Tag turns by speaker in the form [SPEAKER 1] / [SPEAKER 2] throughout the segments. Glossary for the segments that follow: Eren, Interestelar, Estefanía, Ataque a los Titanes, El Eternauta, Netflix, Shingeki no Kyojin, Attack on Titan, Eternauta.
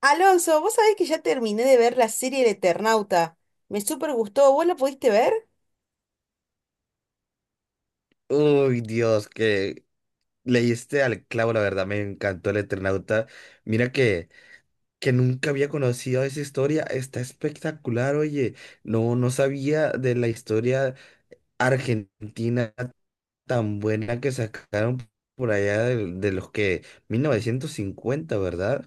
[SPEAKER 1] Alonso, vos sabés que ya terminé de ver la serie El Eternauta. Me súper gustó. ¿Vos la pudiste ver?
[SPEAKER 2] Uy, Dios, que leíste al clavo, la verdad, me encantó el Eternauta. Mira que nunca había conocido esa historia, está espectacular, oye, no sabía de la historia argentina tan buena que sacaron por allá de los que 1950, ¿verdad?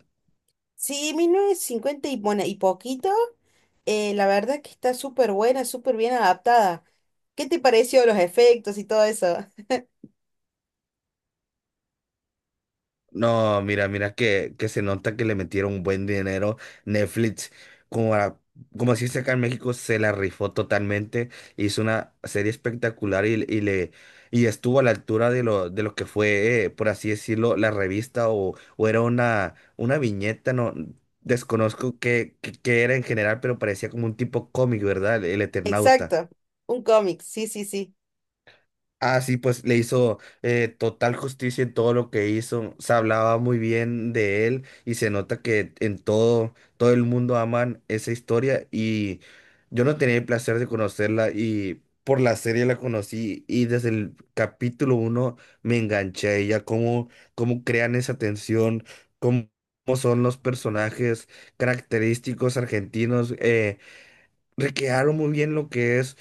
[SPEAKER 1] Sí, 1950 y, bueno, y poquito. La verdad que está súper buena, súper bien adaptada. ¿Qué te pareció los efectos y todo eso?
[SPEAKER 2] No, mira que se nota que le metieron un buen dinero Netflix. Como, a- Como se dice acá en México, se la rifó totalmente. Hizo una serie espectacular y estuvo a la altura de lo que fue, por así decirlo, la revista o era una viñeta, no desconozco qué era en general, pero parecía como un tipo cómic, ¿verdad? El Eternauta.
[SPEAKER 1] Exacto. Un cómic, sí, sí, sí.
[SPEAKER 2] Ah, sí, pues le hizo total justicia en todo lo que hizo. Se hablaba muy bien de él y se nota que en todo, todo el mundo aman esa historia y yo no tenía el placer de conocerla y por la serie la conocí y desde el capítulo uno me enganché a ella. Cómo crean esa tensión, cómo, cómo son los personajes característicos argentinos. Recrearon muy bien lo que es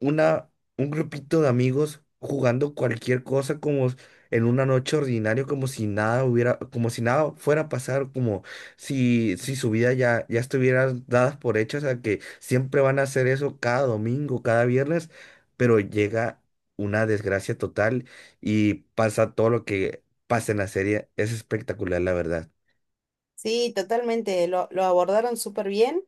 [SPEAKER 2] una, un grupito de amigos jugando cualquier cosa como en una noche ordinaria, como si nada hubiera, como si nada fuera a pasar, como si su vida ya estuviera dadas por hechas, o sea que siempre van a hacer eso cada domingo, cada viernes, pero llega una desgracia total y pasa todo lo que pasa en la serie. Es espectacular, la verdad.
[SPEAKER 1] Sí, totalmente, lo abordaron súper bien.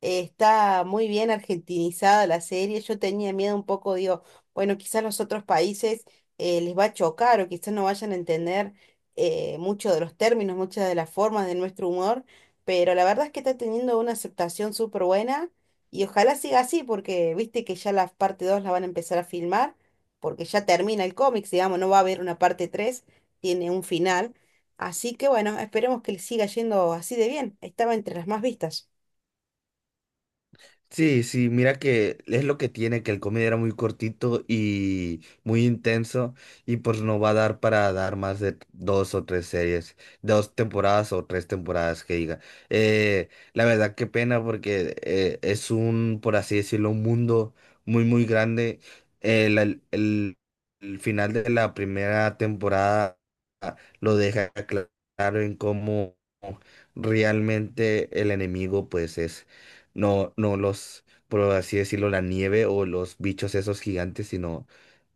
[SPEAKER 1] Está muy bien argentinizada la serie. Yo tenía miedo un poco, digo, bueno, quizás los otros países les va a chocar o quizás no vayan a entender mucho de los términos, muchas de las formas de nuestro humor, pero la verdad es que está teniendo una aceptación súper buena y ojalá siga así porque viste que ya la parte 2 la van a empezar a filmar porque ya termina el cómic, digamos, no va a haber una parte 3, tiene un final. Así que bueno, esperemos que le siga yendo así de bien. Estaba entre las más vistas.
[SPEAKER 2] Sí, sí, mira que es lo que tiene, que el comedy era muy cortito y muy intenso y pues no va a dar para dar más de dos o tres series, dos temporadas o tres temporadas que diga. La verdad qué pena porque es un, por así decirlo, un mundo muy, muy grande. El, el- el- el final de la primera temporada lo deja claro en cómo realmente el enemigo pues es. No, no los, por así decirlo, la nieve o los bichos esos gigantes, sino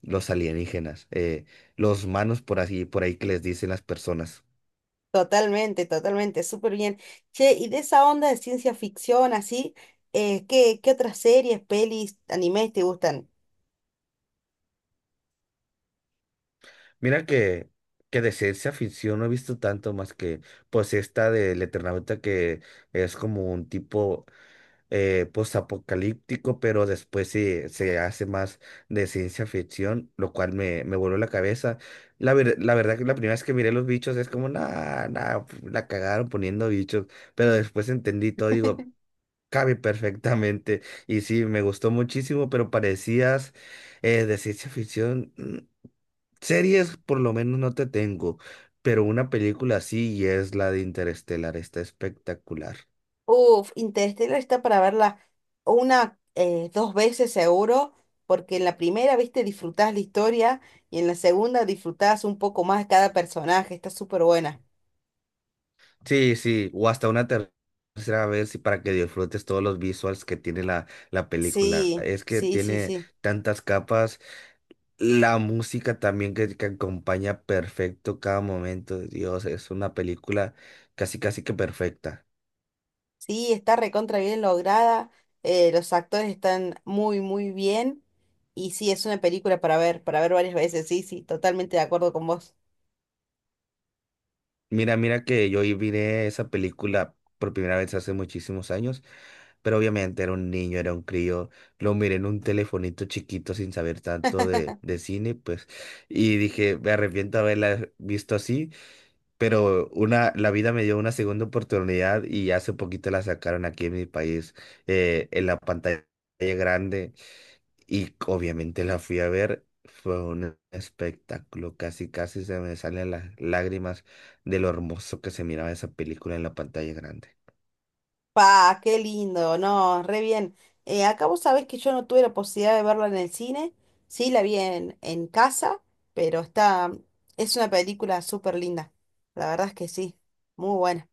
[SPEAKER 2] los alienígenas, los manos por así, por ahí que les dicen las personas.
[SPEAKER 1] Totalmente, totalmente, súper bien. Che, y de esa onda de ciencia ficción así, ¿qué otras series, pelis, animes te gustan?
[SPEAKER 2] Mira que de ciencia ficción no he visto tanto más que pues esta del Eternauta que es como un tipo postapocalíptico, pero después se hace más de ciencia ficción, lo cual me voló la cabeza. La verdad que la primera vez que miré los bichos es como, nah, nah, pf, la cagaron poniendo bichos, pero después entendí todo, digo, cabe perfectamente. Y sí, me gustó muchísimo, pero parecías de ciencia ficción. Series por lo menos no te tengo, pero una película sí y es la de Interestelar, está espectacular.
[SPEAKER 1] Uf, Interestelar está para verla una, dos veces seguro, porque en la primera, viste, disfrutás la historia y en la segunda disfrutás un poco más cada personaje. Está súper buena.
[SPEAKER 2] Sí, sí, o hasta una tercera vez y para que disfrutes todos los visuals que tiene la, la película.
[SPEAKER 1] Sí,
[SPEAKER 2] Es que
[SPEAKER 1] sí, sí,
[SPEAKER 2] tiene
[SPEAKER 1] sí.
[SPEAKER 2] tantas capas, la música también que acompaña perfecto cada momento. Dios, es una película casi casi que perfecta.
[SPEAKER 1] Sí, está recontra bien lograda, los actores están muy, muy bien y sí, es una película para ver, varias veces, sí, sí, totalmente de acuerdo con vos.
[SPEAKER 2] Mira, mira que yo y miré esa película por primera vez hace muchísimos años, pero obviamente era un niño, era un crío, lo miré en un telefonito chiquito sin saber tanto de cine, pues, y dije, me arrepiento de haberla visto así, pero una, la vida me dio una segunda oportunidad y hace poquito la sacaron aquí en mi país, en la pantalla grande. Y obviamente la fui a ver, fue un espectáculo, casi casi se me salen las lágrimas de lo hermoso que se miraba esa película en la pantalla grande.
[SPEAKER 1] Pa, qué lindo, no, re bien. Acá vos sabés que yo no tuve la posibilidad de verla en el cine, sí, la vi en casa, pero está, es una película súper linda, la verdad es que sí, muy buena.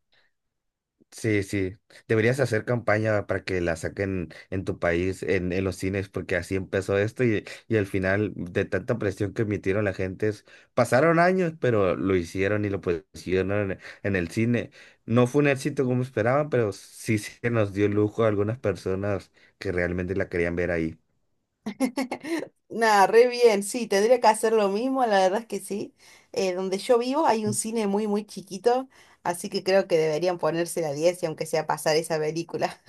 [SPEAKER 2] Sí, sí, deberías hacer campaña para que la saquen en tu país, en los cines, porque así empezó esto y al final de tanta presión que emitieron la gente, pasaron años, pero lo hicieron y lo pusieron en el cine. No fue un éxito como esperaban, pero sí se nos dio lujo a algunas personas que realmente la querían ver ahí.
[SPEAKER 1] Nada, re bien, sí, tendría que hacer lo mismo, la verdad es que sí. Donde yo vivo hay un cine muy, muy chiquito, así que creo que deberían ponerse la diez y aunque sea pasar esa película.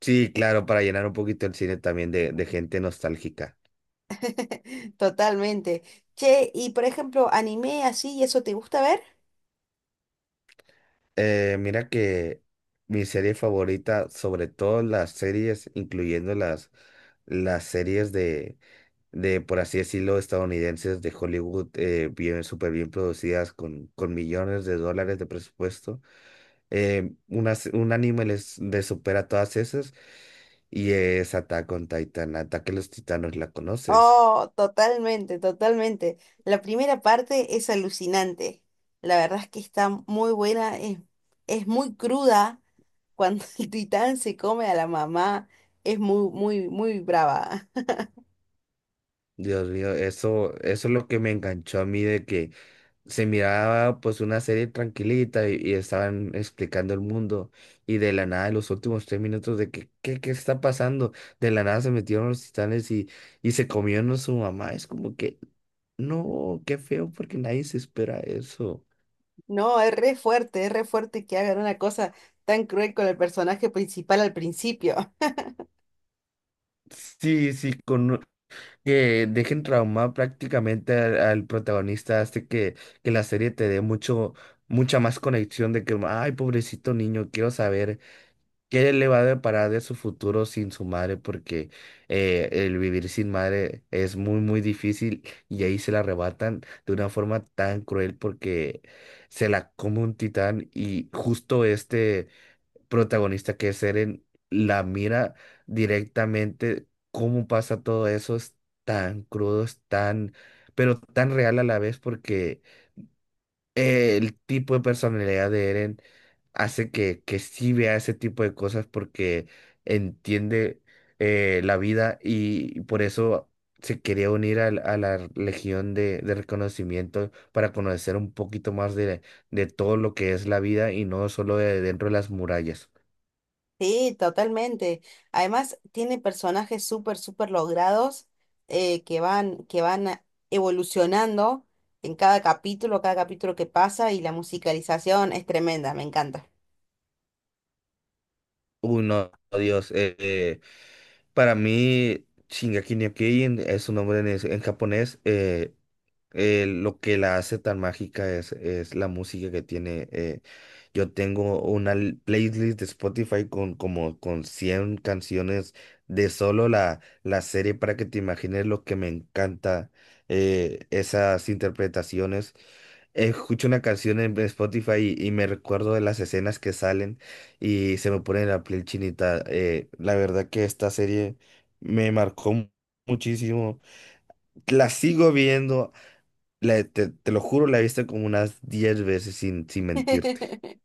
[SPEAKER 2] Sí, claro, para llenar un poquito el cine también de gente nostálgica.
[SPEAKER 1] Totalmente. Che, y por ejemplo, anime así, ¿y eso te gusta ver?
[SPEAKER 2] Mira que mi serie favorita, sobre todo las series, incluyendo las series de por así decirlo, estadounidenses de Hollywood, bien, súper bien producidas con millones de dólares de presupuesto. Un anime les supera todas esas y es Attack on Titan, Ataque a los Titanos, ¿la conoces?
[SPEAKER 1] Oh, totalmente, totalmente. La primera parte es alucinante. La verdad es que está muy buena, es muy cruda cuando el titán se come a la mamá, es muy, muy, muy brava.
[SPEAKER 2] Dios mío, eso es lo que me enganchó a mí de que se miraba pues una serie tranquilita y estaban explicando el mundo y de la nada en los últimos tres minutos de que qué está pasando, de la nada se metieron los titanes y se comieron a su mamá, es como que no, qué feo porque nadie se espera eso.
[SPEAKER 1] No, es re fuerte que hagan una cosa tan cruel con el personaje principal al principio.
[SPEAKER 2] Sí, sí, con que dejen traumado prácticamente al protagonista hace que la serie te dé mucho, mucha más conexión de que, ay, pobrecito niño, quiero saber. ¿Qué le va a deparar de su futuro sin su madre? Porque el vivir sin madre es muy, muy difícil y ahí se la arrebatan de una forma tan cruel porque se la come un titán y justo este protagonista que es Eren la mira directamente cómo pasa todo eso. Es tan crudo, es tan, pero tan real a la vez porque el tipo de personalidad de Eren hace que sí vea ese tipo de cosas porque entiende la vida y por eso se quería unir a la Legión de Reconocimiento para conocer un poquito más de todo lo que es la vida y no solo de dentro de las murallas.
[SPEAKER 1] Sí, totalmente. Además, tiene personajes súper, súper logrados que van evolucionando en cada capítulo que pasa y la musicalización es tremenda, me encanta.
[SPEAKER 2] Uy, no, Dios, para mí Shingeki no Kyojin es su nombre en, en japonés, lo que la hace tan mágica es la música que tiene. Yo tengo una playlist de Spotify con como con 100 canciones de solo la, la serie para que te imagines lo que me encanta esas interpretaciones. Escucho una canción en Spotify y me recuerdo de las escenas que salen y se me pone la piel chinita. La verdad que esta serie me marcó muchísimo. La sigo viendo te, te lo juro, la he visto como unas 10 veces sin, sin mentirte.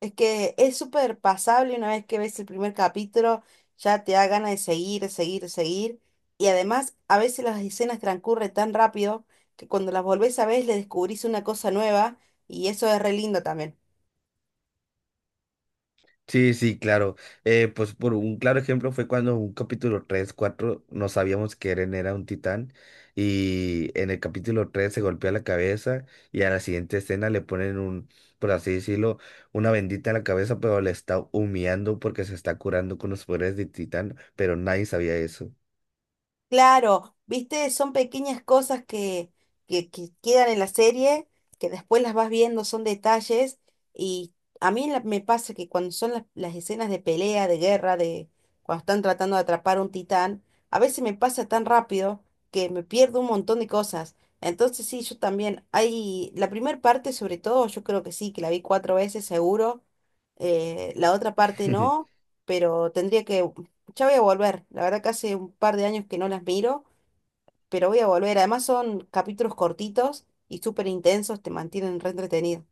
[SPEAKER 1] Es que es súper pasable una vez que ves el primer capítulo, ya te da ganas de seguir, seguir, seguir. Y además, a veces las escenas transcurren tan rápido que cuando las volvés a ver le descubrís una cosa nueva y eso es re lindo también.
[SPEAKER 2] Sí, sí, claro. Pues por un claro ejemplo fue cuando en un capítulo 3 4 no sabíamos que Eren era un titán y en el capítulo 3 se golpea la cabeza y a la siguiente escena le ponen un, por así decirlo, una bendita en la cabeza, pero le está humillando porque se está curando con los poderes de titán, pero nadie sabía eso.
[SPEAKER 1] Claro, viste, son pequeñas cosas que, que quedan en la serie, que después las vas viendo, son detalles, y a mí me pasa que cuando son las escenas de pelea, de guerra, de cuando están tratando de atrapar a un titán, a veces me pasa tan rápido que me pierdo un montón de cosas. Entonces sí, yo también, hay, la primera parte sobre todo, yo creo que sí, que la vi cuatro veces seguro, la otra parte no, pero tendría que ya voy a volver. La verdad que hace un par de años que no las miro, pero voy a volver. Además son capítulos cortitos y súper intensos, te mantienen re entretenido.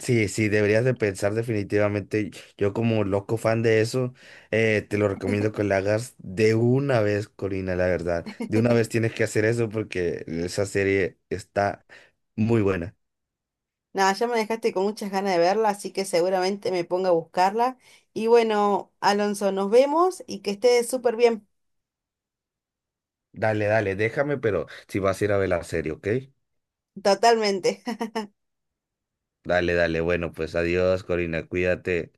[SPEAKER 2] Sí, sí, deberías de pensar definitivamente. Yo como loco fan de eso, te lo recomiendo que lo hagas de una vez, Corina, la verdad. De una vez tienes que hacer eso porque esa serie está muy buena.
[SPEAKER 1] Nada, ya me dejaste con muchas ganas de verla, así que seguramente me ponga a buscarla. Y bueno, Alonso, nos vemos y que estés súper bien.
[SPEAKER 2] Dale, dale, déjame, pero si vas a ir a ver la serie, ¿ok?
[SPEAKER 1] Totalmente.
[SPEAKER 2] Dale, dale, bueno, pues adiós, Corina, cuídate.